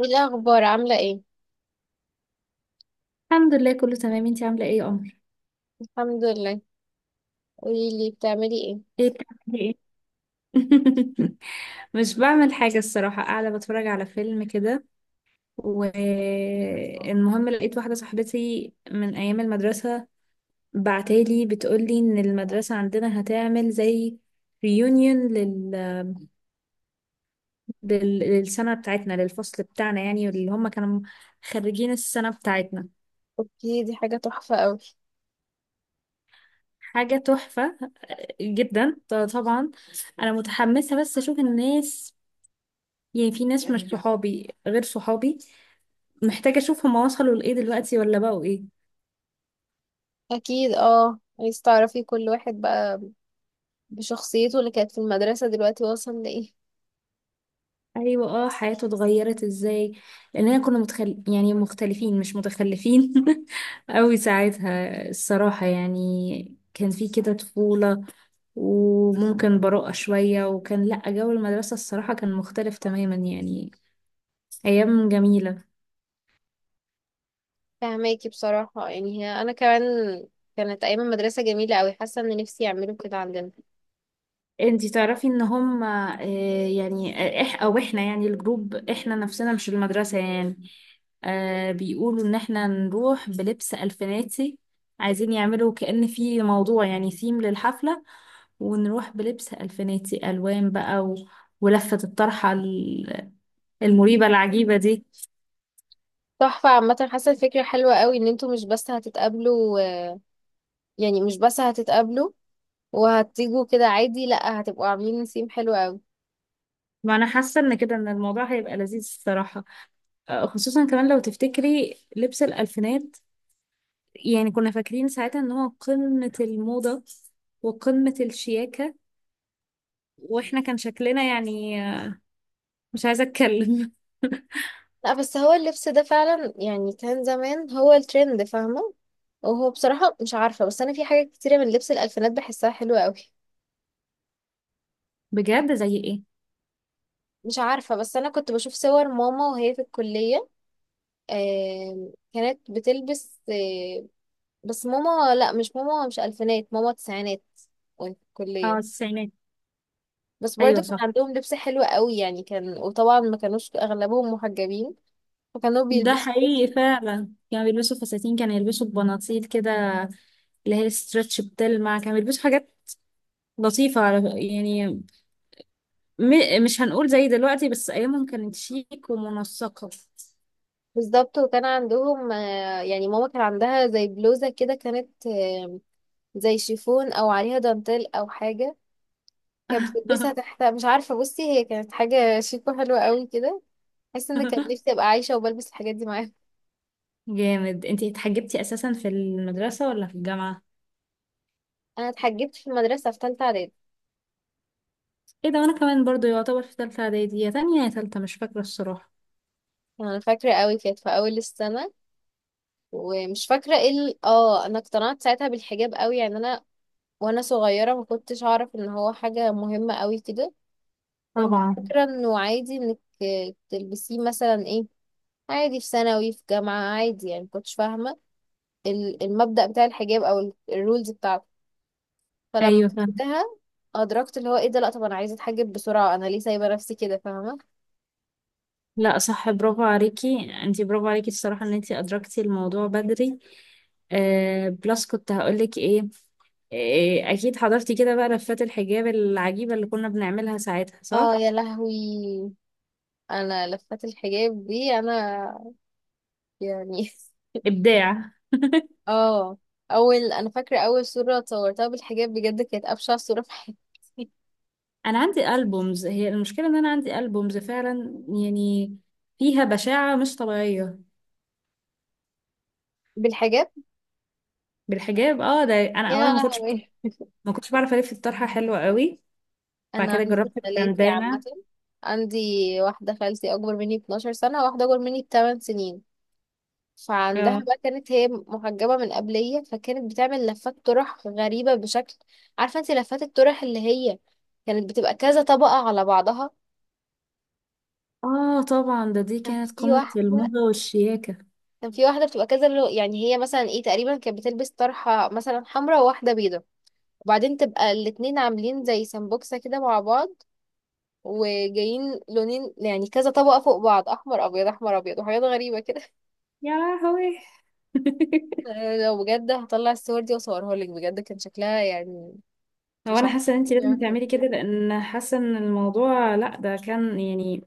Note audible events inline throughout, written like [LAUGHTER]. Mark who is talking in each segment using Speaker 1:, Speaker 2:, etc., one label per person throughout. Speaker 1: ايه الاخبار؟ عامله ايه؟
Speaker 2: الحمد لله كله تمام، انتي عاملة ايه يا قمر؟
Speaker 1: الحمد لله. قولي لي بتعملي ايه؟
Speaker 2: ايه بتعملي ايه؟ [LAUGHS] مش بعمل حاجة الصراحة، قاعدة بتفرج على فيلم كده. والمهم لقيت واحدة صاحبتي من أيام المدرسة، بعتالي بتقولي إن المدرسة عندنا هتعمل زي ريونيون للسنة بتاعتنا، للفصل بتاعنا يعني، اللي هم كانوا خريجين السنة بتاعتنا.
Speaker 1: اوكي، دي حاجه تحفه قوي.
Speaker 2: حاجة تحفة جدا، طبعا. أنا متحمسة بس أشوف الناس، يعني في ناس مش صحابي غير صحابي، محتاجة اشوف هما وصلوا لإيه دلوقتي ولا بقوا إيه.
Speaker 1: اكيد، عايز تعرفي كل واحد بقى بشخصيته اللي كانت في المدرسه دلوقتي وصل لايه.
Speaker 2: ايوه اه، حياته اتغيرت ازاي، لاننا كنا يعني مختلفين مش متخلفين [LAUGHS] قوي ساعتها الصراحة. يعني كان في كده طفولة وممكن براءة شوية، وكان لأ، جو المدرسة الصراحة كان مختلف تماما يعني، أيام جميلة.
Speaker 1: فهماكي بصراحه، يعني هي انا كمان كانت ايام المدرسه جميله قوي، حاسه ان نفسي يعملوا كده عندنا.
Speaker 2: انتي تعرفي ان هم يعني آه، إح او احنا يعني، الجروب احنا نفسنا مش المدرسة يعني، آه بيقولوا ان احنا نروح بلبس الفيناتي، عايزين يعملوا كأن في موضوع يعني ثيم للحفلة، ونروح بلبس الفيناتي الوان بقى ولفة الطرحة المريبة العجيبة دي.
Speaker 1: تحفه، عامه حاسه الفكره حلوه قوي ان انتوا مش بس هتتقابلوا، يعني مش بس هتتقابلوا وهتيجوا كده عادي، لا هتبقوا عاملين نسيم حلو قوي.
Speaker 2: ما انا حاسة ان كده ان الموضوع هيبقى لذيذ الصراحة. خصوصا كمان لو تفتكري لبس الألفينات، يعني كنا فاكرين ساعتها ان هو قمة الموضة وقمة الشياكة، واحنا كان شكلنا يعني مش عايزة اتكلم.
Speaker 1: لا بس هو اللبس ده فعلا، يعني كان زمان هو الترند، فاهمة؟ وهو بصراحة مش عارفة، بس أنا في حاجات كتيرة من لبس الألفينات بحسها حلوة أوي.
Speaker 2: [LAUGHS] بجد؟ زي ايه؟
Speaker 1: مش عارفة، بس أنا كنت بشوف صور ماما وهي في الكلية. كانت بتلبس، بس ماما، لا مش ماما، مش ألفينات، ماما تسعينات، وهي في
Speaker 2: اه
Speaker 1: الكلية.
Speaker 2: التسعينات،
Speaker 1: بس
Speaker 2: ايوه
Speaker 1: برضه كان
Speaker 2: صح.
Speaker 1: عندهم لبس حلو أوي، يعني كان، وطبعا ما كانوش أغلبهم محجبين فكانوا
Speaker 2: ده
Speaker 1: بيلبسوا.
Speaker 2: حقيقي فعلا، كانوا بيلبسوا فساتين، كانوا يلبسوا بناطيل كده اللي هي ستريتش بتلمع، كانوا بيلبسوا حاجات لطيفة على يعني، مش هنقول زي دلوقتي، بس أيامهم كانت شيك ومنسقة.
Speaker 1: بالظبط. وكان عندهم، يعني ماما كان عندها زي بلوزة كده، كانت زي شيفون او عليها دانتيل او حاجة، كانت بتلبسها
Speaker 2: [LAUGHS]
Speaker 1: تحت. مش عارفة، بصي هي كانت حاجة شيك وحلوة قوي كده، حاسة ان كان نفسي ابقى عايشة وبلبس الحاجات دي معاها.
Speaker 2: جامد. انتي اتحجبتي اساسا في المدرسة ولا في الجامعة؟
Speaker 1: انا اتحجبت في المدرسة في تالتة اعدادي.
Speaker 2: ايه ده، وانا كمان برضو يعتبر في تالتة اعدادي، يا تانية يا تالتة مش فاكرة الصراحة.
Speaker 1: انا فاكرة قوي كانت في اول السنة، ومش فاكرة ايه انا اقتنعت ساعتها بالحجاب قوي، يعني انا وانا صغيرة ما كنتش اعرف ان هو حاجة مهمة قوي كده. كنت
Speaker 2: طبعا.
Speaker 1: فاكرة انه عادي انك تلبسيه مثلا ايه، عادي في ثانوي في جامعة عادي، يعني مكنتش فاهمة المبدأ بتاع الحجاب أو الرولز بتاعته. فلما
Speaker 2: ايوه فاهمة.
Speaker 1: فهمتها أدركت اللي هو ايه ده، لأ طب أنا عايزة أتحجب بسرعة، أنا ليه سايبة نفسي كده، فاهمة؟
Speaker 2: لا صح، برافو عليكي انتي، برافو عليكي الصراحة ان انتي ادركتي الموضوع بدري. آه بلس، كنت هقولك ايه، إيه اكيد حضرتي كده بقى لفات الحجاب العجيبة اللي كنا بنعملها ساعتها،
Speaker 1: اه
Speaker 2: صح؟
Speaker 1: يا لهوي! أنا لفات الحجاب دي أنا يعني [LAUGHS]
Speaker 2: ابداع.
Speaker 1: اه أول، أنا فاكرة أول صورة اتصورتها بالحجاب بجد كانت أبشع صورة في حياتي.
Speaker 2: انا عندي البومز، هي المشكلة ان انا عندي البومز فعلا يعني فيها بشاعة مش طبيعية.
Speaker 1: بالحجاب،
Speaker 2: بالحجاب، اه. ده انا اولا،
Speaker 1: يا
Speaker 2: ما كنتش
Speaker 1: لهوي.
Speaker 2: ما كنتش بعرف الف الطرحة حلوة قوي. بعد
Speaker 1: أنا
Speaker 2: كده
Speaker 1: عندي
Speaker 2: جربت
Speaker 1: خالاتي عامة.
Speaker 2: البندانة.
Speaker 1: عندي واحدة خالتي أكبر مني ب 12 سنة، واحدة أكبر مني ب 8 سنين. فعندها
Speaker 2: اه.
Speaker 1: بقى كانت هي محجبة من قبلية، فكانت بتعمل لفات طرح غريبة بشكل. عارفة انت لفات الطرح اللي هي كانت بتبقى كذا طبقة على بعضها؟
Speaker 2: اه طبعا، ده دي
Speaker 1: كان
Speaker 2: كانت
Speaker 1: في
Speaker 2: قمة
Speaker 1: واحدة
Speaker 2: الموضة والشياكة.
Speaker 1: كان في واحدة بتبقى كذا، لو يعني هي مثلا ايه تقريبا كانت بتلبس طرحة مثلا حمراء وواحدة بيضة، وبعدين تبقى الاتنين عاملين زي سمبوكسة كده مع بعض، وجايين لونين، يعني كذا طبقة فوق بعض، أحمر أبيض أحمر أبيض وحاجات غريبة كده.
Speaker 2: يا لهوي. [LAUGHS]
Speaker 1: [LAUGHS] لو بجد هطلع الصور دي وأصورها لك بجد كان شكلها يعني
Speaker 2: هو
Speaker 1: مش
Speaker 2: انا حاسه ان انت لازم
Speaker 1: عارفة.
Speaker 2: تعملي كده، لان حاسه ان الموضوع، لا ده كان يعني،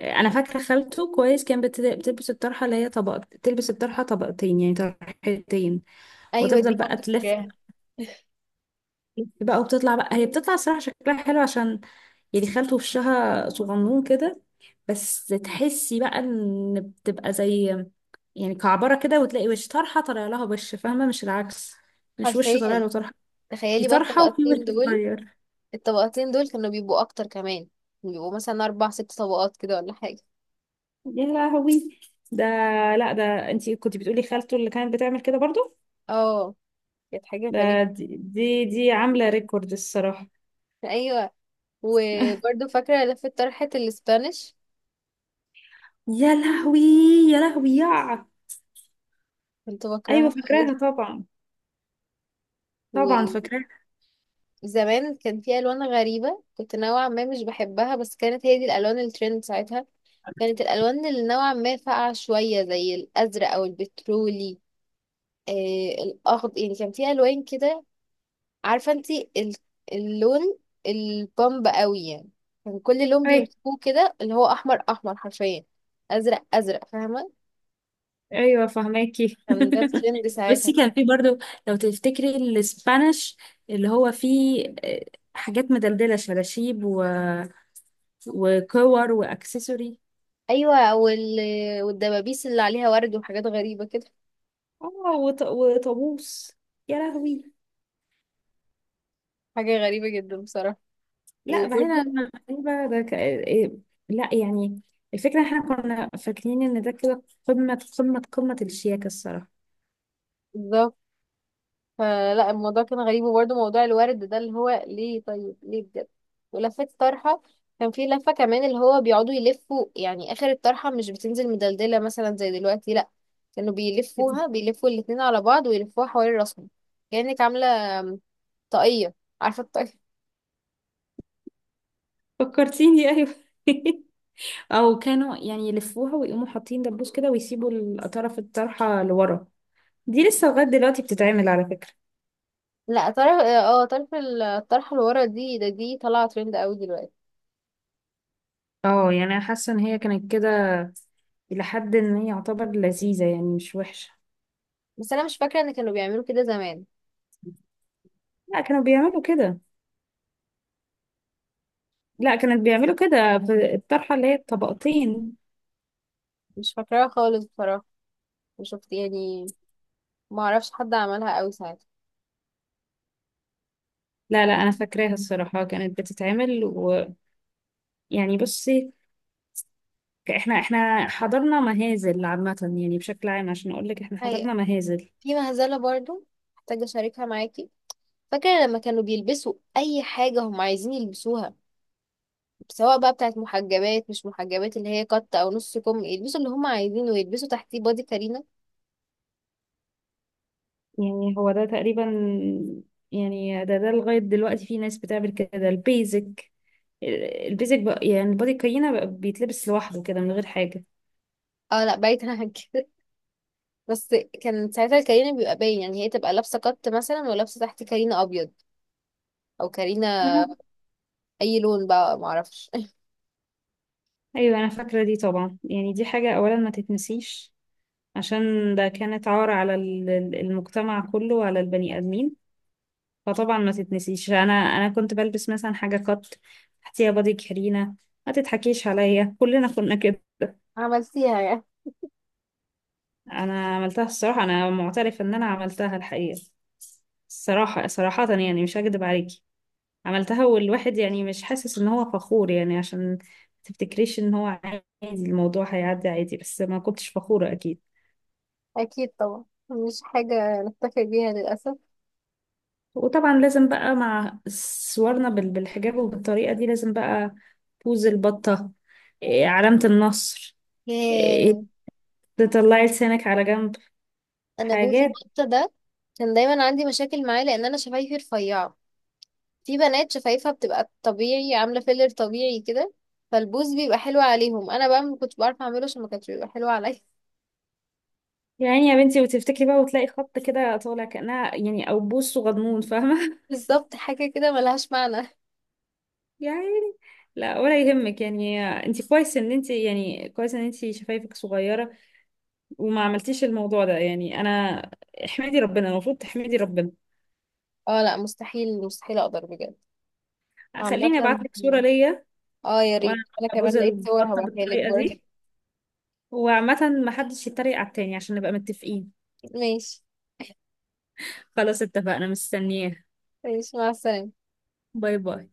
Speaker 2: انا فاكره خالته كويس، كان بتلبس الطرحه اللي هي طبق، تلبس الطرحه طبقتين يعني طرحتين،
Speaker 1: ايوه،
Speaker 2: وتفضل
Speaker 1: دي
Speaker 2: بقى
Speaker 1: برضه
Speaker 2: تلف،
Speaker 1: فكرة.
Speaker 2: تلف بقى، وبتطلع بقى، هي بتطلع الصراحه شكلها حلو عشان يعني خالته وشها صغنون كده، بس تحسي بقى ان بتبقى زي يعني كعبرة كده، وتلاقي وش طرحة طالع لها وش، فاهمة؟ مش العكس، مش وش طالع
Speaker 1: حرفيا.
Speaker 2: له طرحة، في
Speaker 1: تخيلي بقى
Speaker 2: طرحة وفي
Speaker 1: الطبقتين
Speaker 2: وش
Speaker 1: دول،
Speaker 2: صغير.
Speaker 1: كانوا بيبقوا اكتر كمان، كانوا بيبقوا مثلا اربع ست طبقات كده ولا حاجه.
Speaker 2: يا لهوي. ده لا، ده انتي كنت بتقولي خالته اللي كانت بتعمل كده برضو.
Speaker 1: اه، كانت حاجه
Speaker 2: ده
Speaker 1: غريبه.
Speaker 2: دي عاملة ريكورد الصراحة.
Speaker 1: ايوه.
Speaker 2: [LAUGHS]
Speaker 1: وبرضه فاكره لفه طرحه الاسبانيش،
Speaker 2: يا لهوي، يا لهوي.
Speaker 1: كنت
Speaker 2: ايوه
Speaker 1: بكرهها
Speaker 2: فاكراها
Speaker 1: قوي.
Speaker 2: طبعا، طبعا فاكراها.
Speaker 1: وزمان كان في الوان غريبه، كنت نوعا ما مش بحبها، بس كانت هي دي الالوان الترند ساعتها. كانت الالوان اللي نوعا ما فاقعه شويه زي الازرق او البترولي، آه الاخضر، يعني كان في الوان كده. عارفة انتي اللون البامب قوي يعني، كان كل لون بيمسكوه كده اللي هو احمر احمر حرفيا، ازرق ازرق، فاهمة؟
Speaker 2: ايوه فهماكي.
Speaker 1: كان ده الترند
Speaker 2: [LAUGHS] بس
Speaker 1: ساعتها.
Speaker 2: كان في برضو، لو تفتكري الاسبانيش اللي هو فيه حاجات مدلدلة، شلاشيب وكور واكسسوري.
Speaker 1: ايوه. والدبابيس اللي عليها ورد وحاجات غريبة كده.
Speaker 2: اه وطابوس. يا لهوي.
Speaker 1: حاجة غريبة جدا بصراحة.
Speaker 2: لا بعيدا
Speaker 1: وبرده،
Speaker 2: عن المغربة، ده ك... إيه، لا يعني الفكرة احنا كنا فاكرين ان ده كده قمة قمة الشياكة الصراحة.
Speaker 1: فلا الموضوع كان غريب، وبرده موضوع الورد ده اللي هو ليه؟ طيب ليه بجد؟ ولفة طرحة، كان في لفة كمان اللي هو بيقعدوا يلفوا يعني آخر الطرحة، مش بتنزل مدلدلة مثلا زي دلوقتي لا، كانوا بيلفوها، بيلفوا الاتنين على بعض ويلفوها حوالين راسهم، كأنك عاملة طاقية، عارفة الطاقية؟
Speaker 2: فكرتيني ايوه. [LAUGHS] او كانوا يعني يلفوها ويقوموا حاطين دبوس كده، ويسيبوا الطرف، الطرحة لورا، دي لسه لغاية دلوقتي بتتعمل على فكرة.
Speaker 1: لا، طرف الطرحة اللي ورا دي، ده دي طالعة ترند قوي دلوقتي.
Speaker 2: اه يعني انا حاسة ان هي كانت كده لحد ان هي يعتبر لذيذة يعني مش وحشة.
Speaker 1: بس أنا مش فاكرة إن كانوا بيعملوا كده زمان.
Speaker 2: لا كانوا بيعملوا كده، لا كانت بيعملوا كده في الطرحة اللي هي الطبقتين.
Speaker 1: مش فاكراها خالص بصراحة. وشفت، يعني ما اعرفش حد عملها قوي ساعتها.
Speaker 2: لا لا انا فاكراها الصراحة، كانت بتتعمل ويعني بصي، احنا حضرنا مهازل عامة يعني، بشكل عام عشان اقول لك احنا
Speaker 1: هي،
Speaker 2: حضرنا مهازل.
Speaker 1: في مهزلة برضو محتاجة أشاركها معاكي. فاكرة لما كانوا بيلبسوا أي حاجة هم عايزين يلبسوها، سواء بقى بتاعت محجبات مش محجبات، اللي هي قط أو نص كم، يلبسوا اللي هم عايزينه ويلبسوا تحتيه بادي كارينا.
Speaker 2: يعني هو ده تقريبا، يعني ده لغاية دلوقتي في ناس بتعمل كده البيزك، البيزك بقى يعني البادي كاينة بقى بيتلبس لوحده كده من غير حاجة.
Speaker 1: اه لا بعيد عن كده [LAUGHS] بس. كان ساعتها الكارينا بيبقى باين، يعني هي تبقى لابسة قط مثلا ولابسة تحت كارينا أبيض، أو كارينا
Speaker 2: آه،
Speaker 1: أي لون بقى معرفش.
Speaker 2: أيوة أنا فاكرة دي طبعا، يعني دي حاجة أولا ما تتنسيش، عشان ده كانت عار على المجتمع كله وعلى البني آدمين. فطبعا ما تتنسيش، أنا كنت بلبس مثلا حاجة قط تحتيها بادي كارينا. ما تضحكيش عليا، كلنا كنا كده.
Speaker 1: [LAUGHS] عملتيها يعني؟
Speaker 2: أنا عملتها الصراحة، أنا معترف إن أنا عملتها الحقيقة، الصراحة صراحة يعني مش هكدب عليكي، عملتها. والواحد يعني مش حاسس ان هو فخور، يعني عشان ما تفتكريش ان هو عادي الموضوع هيعدي عادي، بس ما كنتش فخورة اكيد.
Speaker 1: أكيد طبعا مش حاجة نفتخر بيها للأسف.
Speaker 2: وطبعا لازم بقى مع صورنا بالحجاب وبالطريقة دي لازم بقى بوز البطة، علامة النصر، إيه،
Speaker 1: ياه!
Speaker 2: تطلعي لسانك على جنب،
Speaker 1: انا بوز
Speaker 2: حاجات.
Speaker 1: البطه ده كان دايما عندي مشاكل معاه لان انا شفايفي رفيعه. في بنات شفايفها بتبقى طبيعي عامله فيلر طبيعي كده، فالبوز بيبقى حلو عليهم، انا بقى ما كنتش بعرف اعمله عشان ما كانش بيبقى حلو عليا [LAUGHS]
Speaker 2: يعني يا بنتي، وتفتكري بقى وتلاقي خط كده طالع كأنها يعني أو بوس وغضمون، فاهمة؟
Speaker 1: بالظبط، حاجه كده ملهاش معنى.
Speaker 2: [LAUGHS] يعني، لا ولا يهمك يعني. انت كويس ان انت يعني، كويس ان انت شفايفك صغيرة وما عملتيش الموضوع ده يعني. انا احمدي ربنا، المفروض تحمدي ربنا.
Speaker 1: اه لا مستحيل، مستحيل اقدر بجد. عامه،
Speaker 2: خليني ابعت لك صورة ليا
Speaker 1: اه يا ريت،
Speaker 2: وانا
Speaker 1: انا
Speaker 2: ببوز
Speaker 1: كمان لقيت صور
Speaker 2: البطة
Speaker 1: هبعتها لك
Speaker 2: بالطريقة
Speaker 1: برضه
Speaker 2: دي. وعامة ما حدش يتريق على التاني عشان نبقى متفقين.
Speaker 1: [LAUGHS] ماشي.
Speaker 2: خلاص اتفقنا، مستنياه.
Speaker 1: ماشي مع السلامه.
Speaker 2: باي باي.